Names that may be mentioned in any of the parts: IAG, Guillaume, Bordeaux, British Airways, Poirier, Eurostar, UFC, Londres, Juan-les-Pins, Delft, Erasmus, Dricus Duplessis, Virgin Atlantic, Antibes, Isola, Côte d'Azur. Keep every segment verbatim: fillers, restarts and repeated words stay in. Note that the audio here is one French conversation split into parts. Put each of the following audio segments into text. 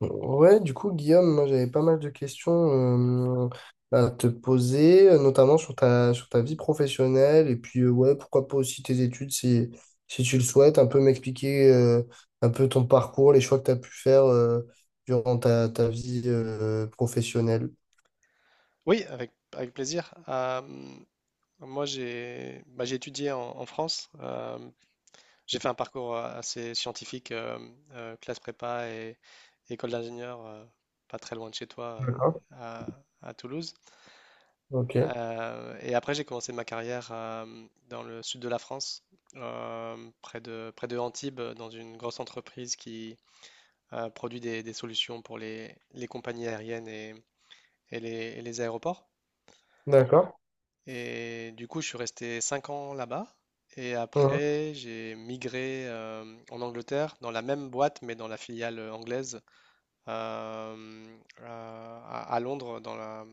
Ouais, du coup, Guillaume, moi j'avais pas mal de questions euh, à te poser, euh, notamment sur ta, sur ta vie professionnelle, et puis euh, ouais, pourquoi pas aussi tes études si, si tu le souhaites, un peu m'expliquer euh, un peu ton parcours, les choix que tu as pu faire euh, durant ta, ta vie euh, professionnelle. Oui, avec, avec plaisir. Euh, moi, j'ai bah, j'ai étudié en, en France. Euh, j'ai fait un parcours euh, assez scientifique, euh, euh, classe prépa et école d'ingénieur, euh, pas très loin de chez toi, D'accord. euh, à, à Toulouse. Ok, Euh, et après, j'ai commencé ma carrière euh, dans le sud de la France, euh, près de, près de Antibes, dans une grosse entreprise qui euh, produit des, des solutions pour les, les compagnies aériennes et, et les et les aéroports. d'accord. Et du coup, je suis resté cinq ans là-bas. Et Mhm. après, j'ai migré euh, en Angleterre, dans la même boîte, mais dans la filiale anglaise, euh, euh, à, à Londres, dans la,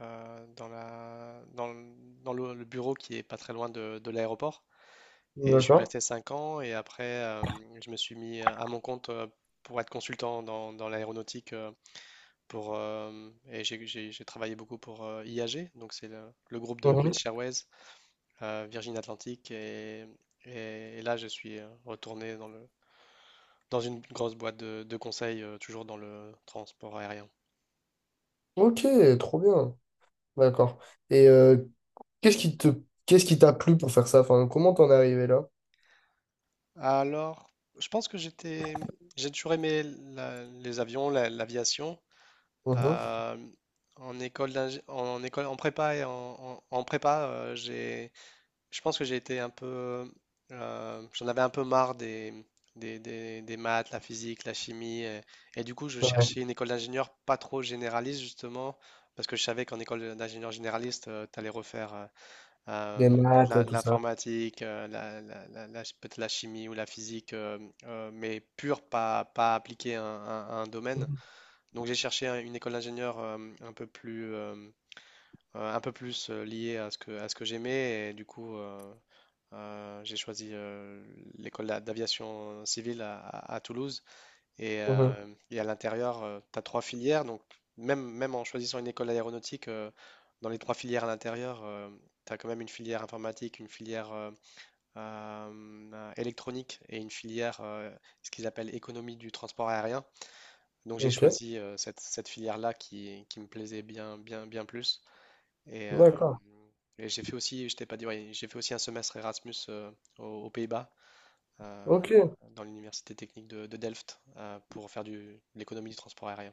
euh, dans la, dans, le, dans le- le bureau qui est pas très loin de, de l'aéroport. Et je suis D'accord. resté cinq ans. Et après, euh, je me suis mis à mon compte euh, pour être consultant dans, dans l'aéronautique. Euh, pour, euh, et j'ai j'ai- j'ai travaillé beaucoup pour euh, I A G, donc c'est le, le groupe de Mhm. British Airways euh, Virgin Atlantic et, et- et là je suis euh, retourné dans le, dans une grosse boîte de, de conseil, euh, toujours dans le transport aérien. Ok, trop bien. D'accord. Et euh, qu'est-ce qui te, qu'est-ce qui t'a plu pour faire ça? Enfin, comment t'en es arrivé là? Alors, je pense que j'étais, j'ai toujours aimé la- les avions, la- l'aviation. Mhm. Euh, En école d'ingé- en école, en prépa et en, en- en prépa, euh, j'ai je pense que j'ai été un peu. Euh, j'en avais un peu marre des, des, des- des maths, la physique, la chimie. Et, et du coup, je cherchais une école d'ingénieur pas trop généraliste, justement, parce que je savais qu'en école d'ingénieur généraliste, tu allais refaire euh, euh, Des maths, l'in- tout ça. l'informatique, euh, la, la- la- la- peut-être la chimie ou la physique, euh, euh, mais pure, pas, pas appliquée à, un à un domaine. Mhm. Donc, j'ai cherché un- une école d'ingénieur euh, un peu plus. Euh, euh, un peu plus euh, lié à ce que, à ce que j'aimais. Et du coup, euh, euh, j'ai choisi euh, l'école d'a- d'aviation civile à, à- à Toulouse. Et, Mhm. Euh, et à l'intérieur, tu as trois filières. Donc, même, même en choisissant une école aéronautique, euh, dans les trois filières à l'intérieur, tu as quand même une filière informatique, une filière euh, euh, euh, électronique et une filière, euh, ce qu'ils appellent économie du transport aérien. Donc, j'ai Ok, choisi euh, cette, cette filière-là qui, qui me plaisait bien, bien, bien plus. Et, euh, d'accord. et j'ai fait aussi, je t'ai pas dit, ouais, j'ai fait aussi un semestre Erasmus euh, aux aux Pays-Bas euh, Ok, dans l'université technique de, de Delft euh, pour faire du, de l'économie du transport aérien.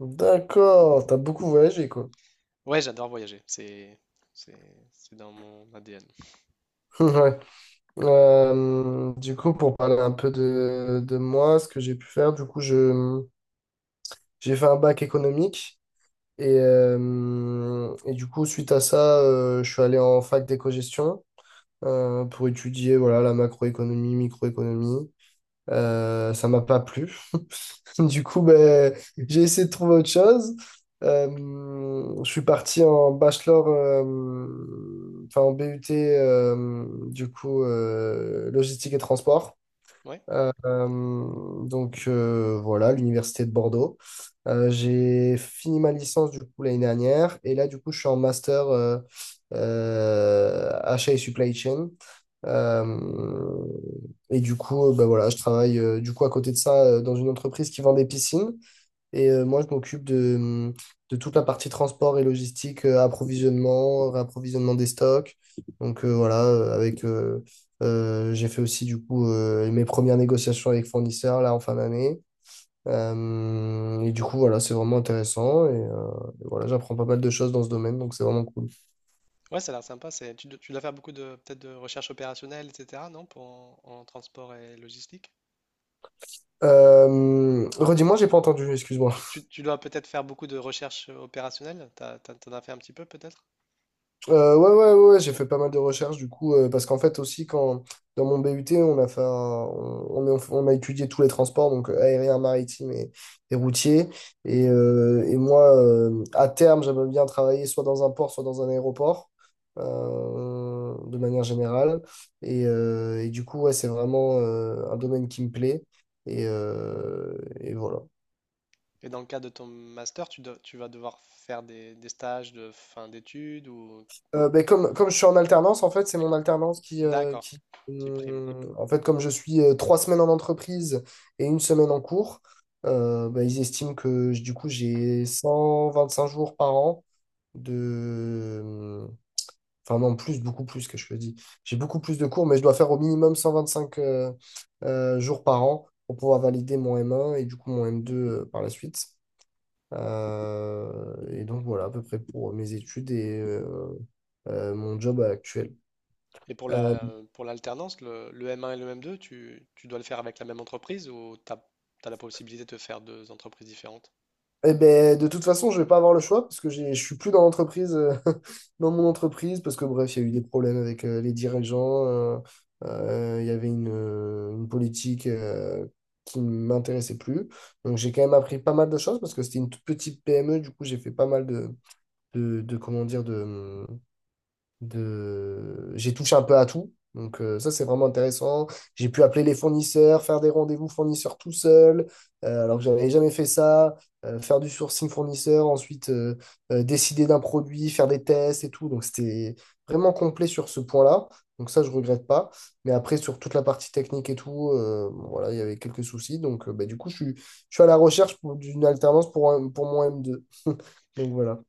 d'accord. T'as beaucoup voyagé, quoi. Ouais, j'adore voyager, c'est c'est c'est dans mon A D N. Ouais. Euh, du coup, pour parler un peu de, de moi, ce que j'ai pu faire, du coup, je, j'ai fait un bac économique. Et, euh, et du coup, suite à ça, euh, je suis allé en fac d'éco-gestion euh, pour étudier voilà, la macroéconomie, microéconomie. Euh, ça m'a pas plu. Du coup, ben, j'ai essayé de trouver autre chose. Euh, je suis parti en bachelor, euh, enfin en B U T, euh, du coup, euh, logistique et transport. Ouais, Euh, euh, donc euh, voilà, l'université de Bordeaux. Euh, j'ai fini ma licence du coup l'année dernière et là du coup je suis en master euh, euh, achat et supply chain. Euh, et du coup, euh, bah voilà, je travaille euh, du coup à côté de ça euh, dans une entreprise qui vend des piscines. Et euh, moi, je m'occupe de, hum, de toute la partie transport et logistique, euh, approvisionnement, réapprovisionnement des stocks. Donc euh, voilà, euh, avec euh, euh, j'ai fait aussi du coup euh, mes premières négociations avec fournisseurs là en fin d'année. Euh, et du coup, voilà, c'est vraiment intéressant. Et, euh, et voilà, j'apprends pas mal de choses dans ce domaine, donc c'est vraiment cool. ouais, ça a l'air sympa. C'est tu, dois tu dois faire beaucoup de peut-être de recherche opérationnelle, et cetera. Non, pour en, en transport et logistique. Euh, redis-moi, j'ai pas entendu, excuse-moi. Tu, tu, tu dois peut-être faire beaucoup de recherche opérationnelle. T'as, t'as- t'en as fait un petit peu peut-être. Euh, ouais, ouais, ouais, ouais, j'ai fait pas mal de recherches du coup, euh, parce qu'en fait aussi, quand dans mon B U T, on a fait un- on, on- on a étudié tous les transports, donc euh, aérien, maritime et, et routier. Et, euh, et moi, euh, à terme, j'aimerais bien travailler soit dans un port, soit dans un aéroport, euh, de manière générale. Et, euh, et du coup, ouais, c'est vraiment euh, un domaine qui me plaît. Et, euh, et voilà. Et dans le cadre de ton master, tu, dois- tu vas devoir faire des, des stages de fin d'études ou Euh, ben, comme, comme je suis en alternance, en fait, c'est mon alternance qui, euh, d'accord, qui qui prime. hum, en fait, comme je suis euh, trois semaines en entreprise et une semaine en cours, euh, ben, ils estiment que j- du coup, j'ai cent vingt-cinq jours par an de... Enfin non, plus, beaucoup plus que je le dis. J'ai beaucoup plus de cours, mais je dois faire au minimum cent vingt-cinq euh, euh, jours par an pour pouvoir valider mon M un et du coup mon M deux euh, par la suite. Euh, et donc voilà, à peu près pour mes études et euh, euh, mon job actuel. Et pour Euh, la, pour l'alternance, le, le M un et le M deux, tu, tu dois le faire avec la même entreprise ou tu as la possibilité de te faire deux entreprises différentes? eh ben, de toute façon, je vais pas avoir le choix parce que j'ai, je suis plus dans l'entreprise, euh, dans mon entreprise, parce que bref, il y a eu des problèmes avec euh, les dirigeants. euh, euh, il y avait une, euh, une politique euh, qui ne m'intéressait plus. Donc j'ai quand même appris pas mal de choses parce que c'était une toute petite P M E. Du coup, j'ai fait pas mal de, de, de, comment dire, de, de... J'ai touché un peu à tout. Donc euh, ça, c'est vraiment intéressant. J'ai pu appeler les fournisseurs, faire des rendez-vous fournisseurs tout seul, euh, alors que j'avais jamais fait ça, euh, faire du sourcing fournisseur, ensuite euh, euh, décider d'un produit, faire des tests et tout. Donc c'était vraiment complet sur ce point-là. Donc ça, je regrette pas. Mais après, sur toute la partie technique et tout, euh, bon, voilà, il y avait quelques soucis. Donc euh, bah, du coup, je suis, je suis à la recherche pour- d'une alternance pour, un- pour mon m deux Donc voilà.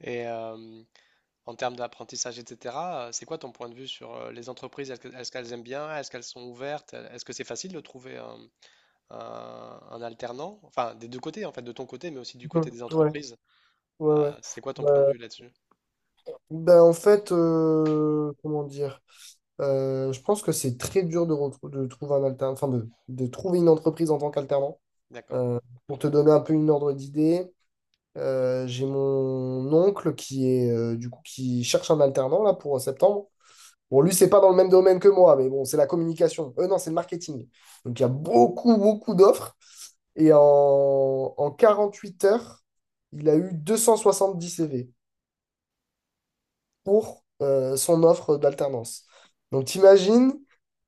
Et euh, En termes d'apprentissage, et cetera, euh, c'est quoi ton point de vue sur euh, les entreprises? Est-ce que- est-ce qu'elles aiment bien? Est-ce qu'elles sont ouvertes? Est-ce que c'est facile de trouver un, un- un alternant? Enfin, des deux côtés, en fait, de ton côté, mais aussi du côté des Ouais, ouais, entreprises. Euh, ouais. C'est quoi ton point de Ouais, vue là-dessus? Ben, en fait, euh, comment dire, euh, je pense que c'est très dur de, retrou- de trouver un alternant, enfin de, de trouver une entreprise en tant qu'alternant. D'accord. Euh, pour te donner un peu une ordre d'idée, euh, j'ai mon oncle qui est euh, du coup qui cherche un alternant là pour euh, septembre. Bon, lui, c'est pas dans le même domaine que moi, mais bon, c'est la communication. Euh, non, c'est le marketing. Donc il y a beaucoup, beaucoup d'offres. Et en, en quarante-huit heures, il a eu deux cent soixante-dix C V pour euh, son offre d'alternance. Donc, t'imagines,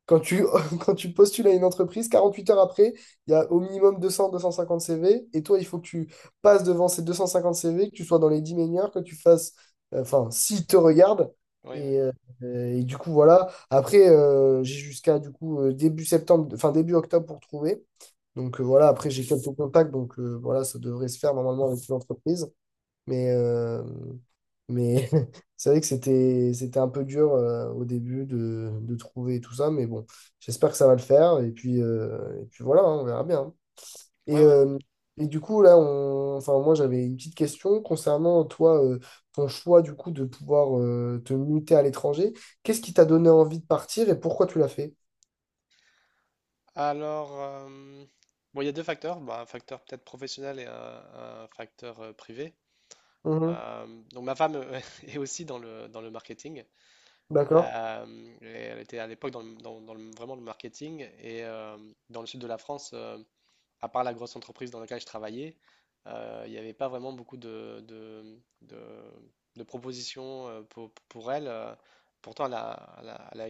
quand tu, quand tu postules à une entreprise, quarante-huit heures après, il y a au minimum deux cents deux cent cinquante C V, et toi, il faut que tu passes devant ces deux cent cinquante C V, que tu sois dans les dix meilleurs, que tu fasses, euh, enfin, s'ils te regardent. Oui, oui. Et, euh, et du coup, voilà. Après, euh, j'ai jusqu'à du coup euh, début septembre, enfin début octobre pour trouver. Donc euh, voilà, après j'ai quelques contacts, donc euh, voilà, ça devrait se faire normalement avec l'entreprise. Mais, euh, mais c'est vrai que c'était, c'était un peu dur euh, au début de, de trouver tout ça. Mais bon, j'espère que ça va le faire. Et puis, euh, et puis voilà, hein, on verra bien. Et, Ouais, ouais. euh, et du coup, là, on, enfin, moi, j'avais une petite question concernant toi, euh, ton choix du coup de pouvoir euh, te muter à l'étranger. Qu'est-ce qui t'a donné envie de partir et pourquoi tu l'as fait? Alors, euh, bon, il y a deux facteurs. Bah, un facteur peut-être professionnel et un, un facteur euh, privé. Mhm. Euh, donc ma femme euh, est aussi dans le, dans le marketing. D'accord. Euh, et elle était à l'époque dans, le- dans- dans le- vraiment le marketing. Et euh, dans le sud de la France, euh, à part la grosse entreprise dans laquelle je travaillais, euh, il n'y avait pas vraiment beaucoup de, de, de- de propositions euh, pour, pour elle. Euh, Pourtant, elle a, elle a- elle a-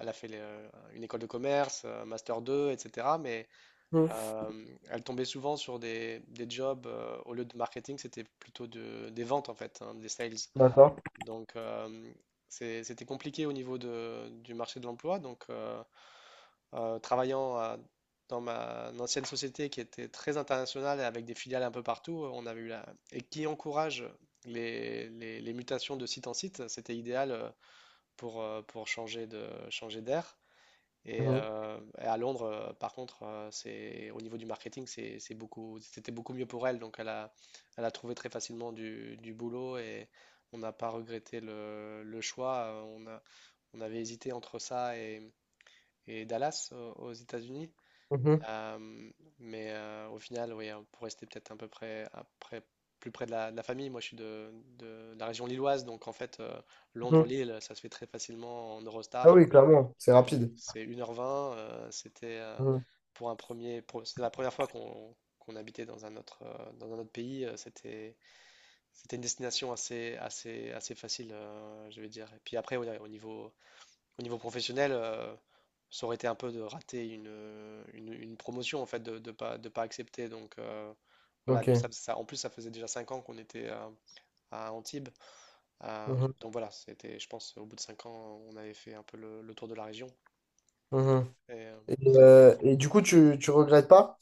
elle a fait les, euh, une école de commerce, un master deux, et cetera. Mais Mhm. euh, elle tombait souvent sur des, des jobs, euh, au lieu de marketing, c'était plutôt de- des ventes en fait, hein, des sales. D'accord. Donc euh, c'est- c'était compliqué au niveau de- du marché de l'emploi. Donc euh, euh, travaillant à- dans ma une ancienne société qui était très internationale et avec des filiales un peu partout, on avait eu la... et qui encourage les, les- les mutations de site en site, c'était idéal euh, pour, euh, pour changer de, changer d'air. Et, Mhm. Euh, et à Londres, euh, par contre, euh, c'est au niveau du marketing, c'est, c'est beaucoup, c'était beaucoup mieux pour elle. Donc, elle a, elle a trouvé très facilement du, du boulot et on n'a pas regretté le, le choix. Euh, On a, on avait hésité entre ça et, et Dallas au- aux États-Unis. Mhm. Euh, mais euh, au final, oui, hein, pour rester peut-être un peu près, à près- plus près de la, de la famille, moi je suis de, de la région lilloise, donc en fait, euh, Mhm. Londres-Lille, ça se fait très facilement en Ah Eurostar. oui, clairement, c'est Euh, rapide. C'est une heure vingt euh, c'était euh, Mhm. pour un premier, pour- c'était la première fois qu'on qu'on habitait dans un autre, euh, dans un autre pays. Euh, c'était, c'était une destination assez, assez, assez facile, euh, je vais dire. Et puis après, ouais, au niveau, au niveau professionnel, euh, ça aurait été un peu de rater une, euh, une, une promotion en fait, de, de pas, de pas accepter. Donc euh, voilà, nous, ça, Ok. ça- en plus, ça faisait déjà cinq ans qu'on était euh, à Antibes. Euh, Mhm. donc voilà, c'était, je pense, au bout de cinq ans, on avait fait un peu le le tour de la région. Mhm. Et, euh, Et, euh, et du coup, tu, tu regrettes pas?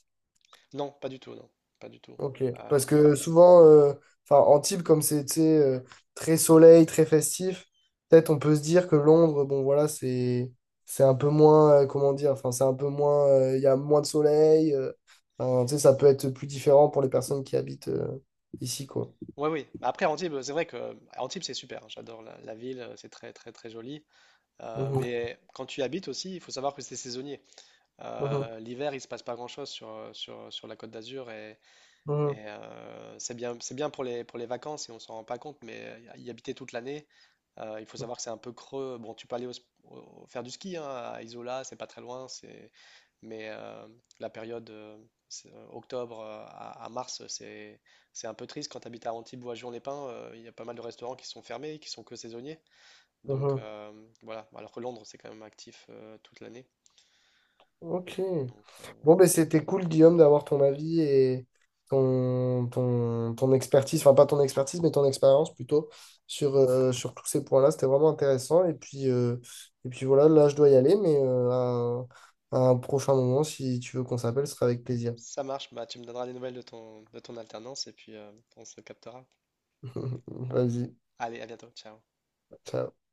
Non, pas du tout, non, pas du tout. Ok. Euh, Parce que souvent, euh, enfin, Antibes, comme c'est tu sais, euh, très soleil, très festif, peut-être on peut se dire que Londres, bon voilà, c'est c'est un peu moins, euh, comment dire, enfin, c'est un peu moins, euh, il y a moins de soleil. euh, enfin, tu sais, ça peut être plus différent pour les personnes qui habitent euh, ici, quoi. ouais, oui. Bah après, Antibes, c'est vrai que Antibes, c'est super, hein. J'adore la, la ville, euh, c'est très, très, très joli. Euh, Mhm, Mais quand tu y habites aussi, il faut savoir que c'est saisonnier. mhm, Euh, l'hiver, il se passe pas grand-chose sur, euh, sur, sur la Côte d'Azur et, mhm, Et euh, c'est bien, c'est bien pour les, pour les vacances et on s'en rend pas compte, mais euh, y habiter toute l'année, euh, il faut savoir que c'est un peu creux. Bon, tu peux aller au sp- au- faire du ski hein, à Isola, c'est pas très loin, c'est... mais euh, la période euh, c'est, euh, octobre euh, à, à mars, c'est, c'est un peu triste. Quand tu habites à Antibes ou à Juan-les-Pins, euh, il y a pas mal de restaurants qui sont fermés, qui sont que saisonniers. Donc mhm. euh, voilà, alors que Londres, c'est quand même actif euh, toute l'année. Ok. Donc euh, Bon, voilà. ben c'était cool, Guillaume, d'avoir ton avis et ton, ton, ton expertise, enfin pas ton expertise, mais ton expérience plutôt sur, euh, sur tous ces points-là. C'était vraiment intéressant. Et puis, euh, et puis voilà, là, je dois y aller, mais euh, à, un à un prochain moment, si tu veux qu'on s'appelle, ce sera avec plaisir. Ça marche, bah, tu me donneras des nouvelles de ton, de ton alternance et puis euh, on se captera. Vas-y, Allez, à bientôt. Ciao. ciao.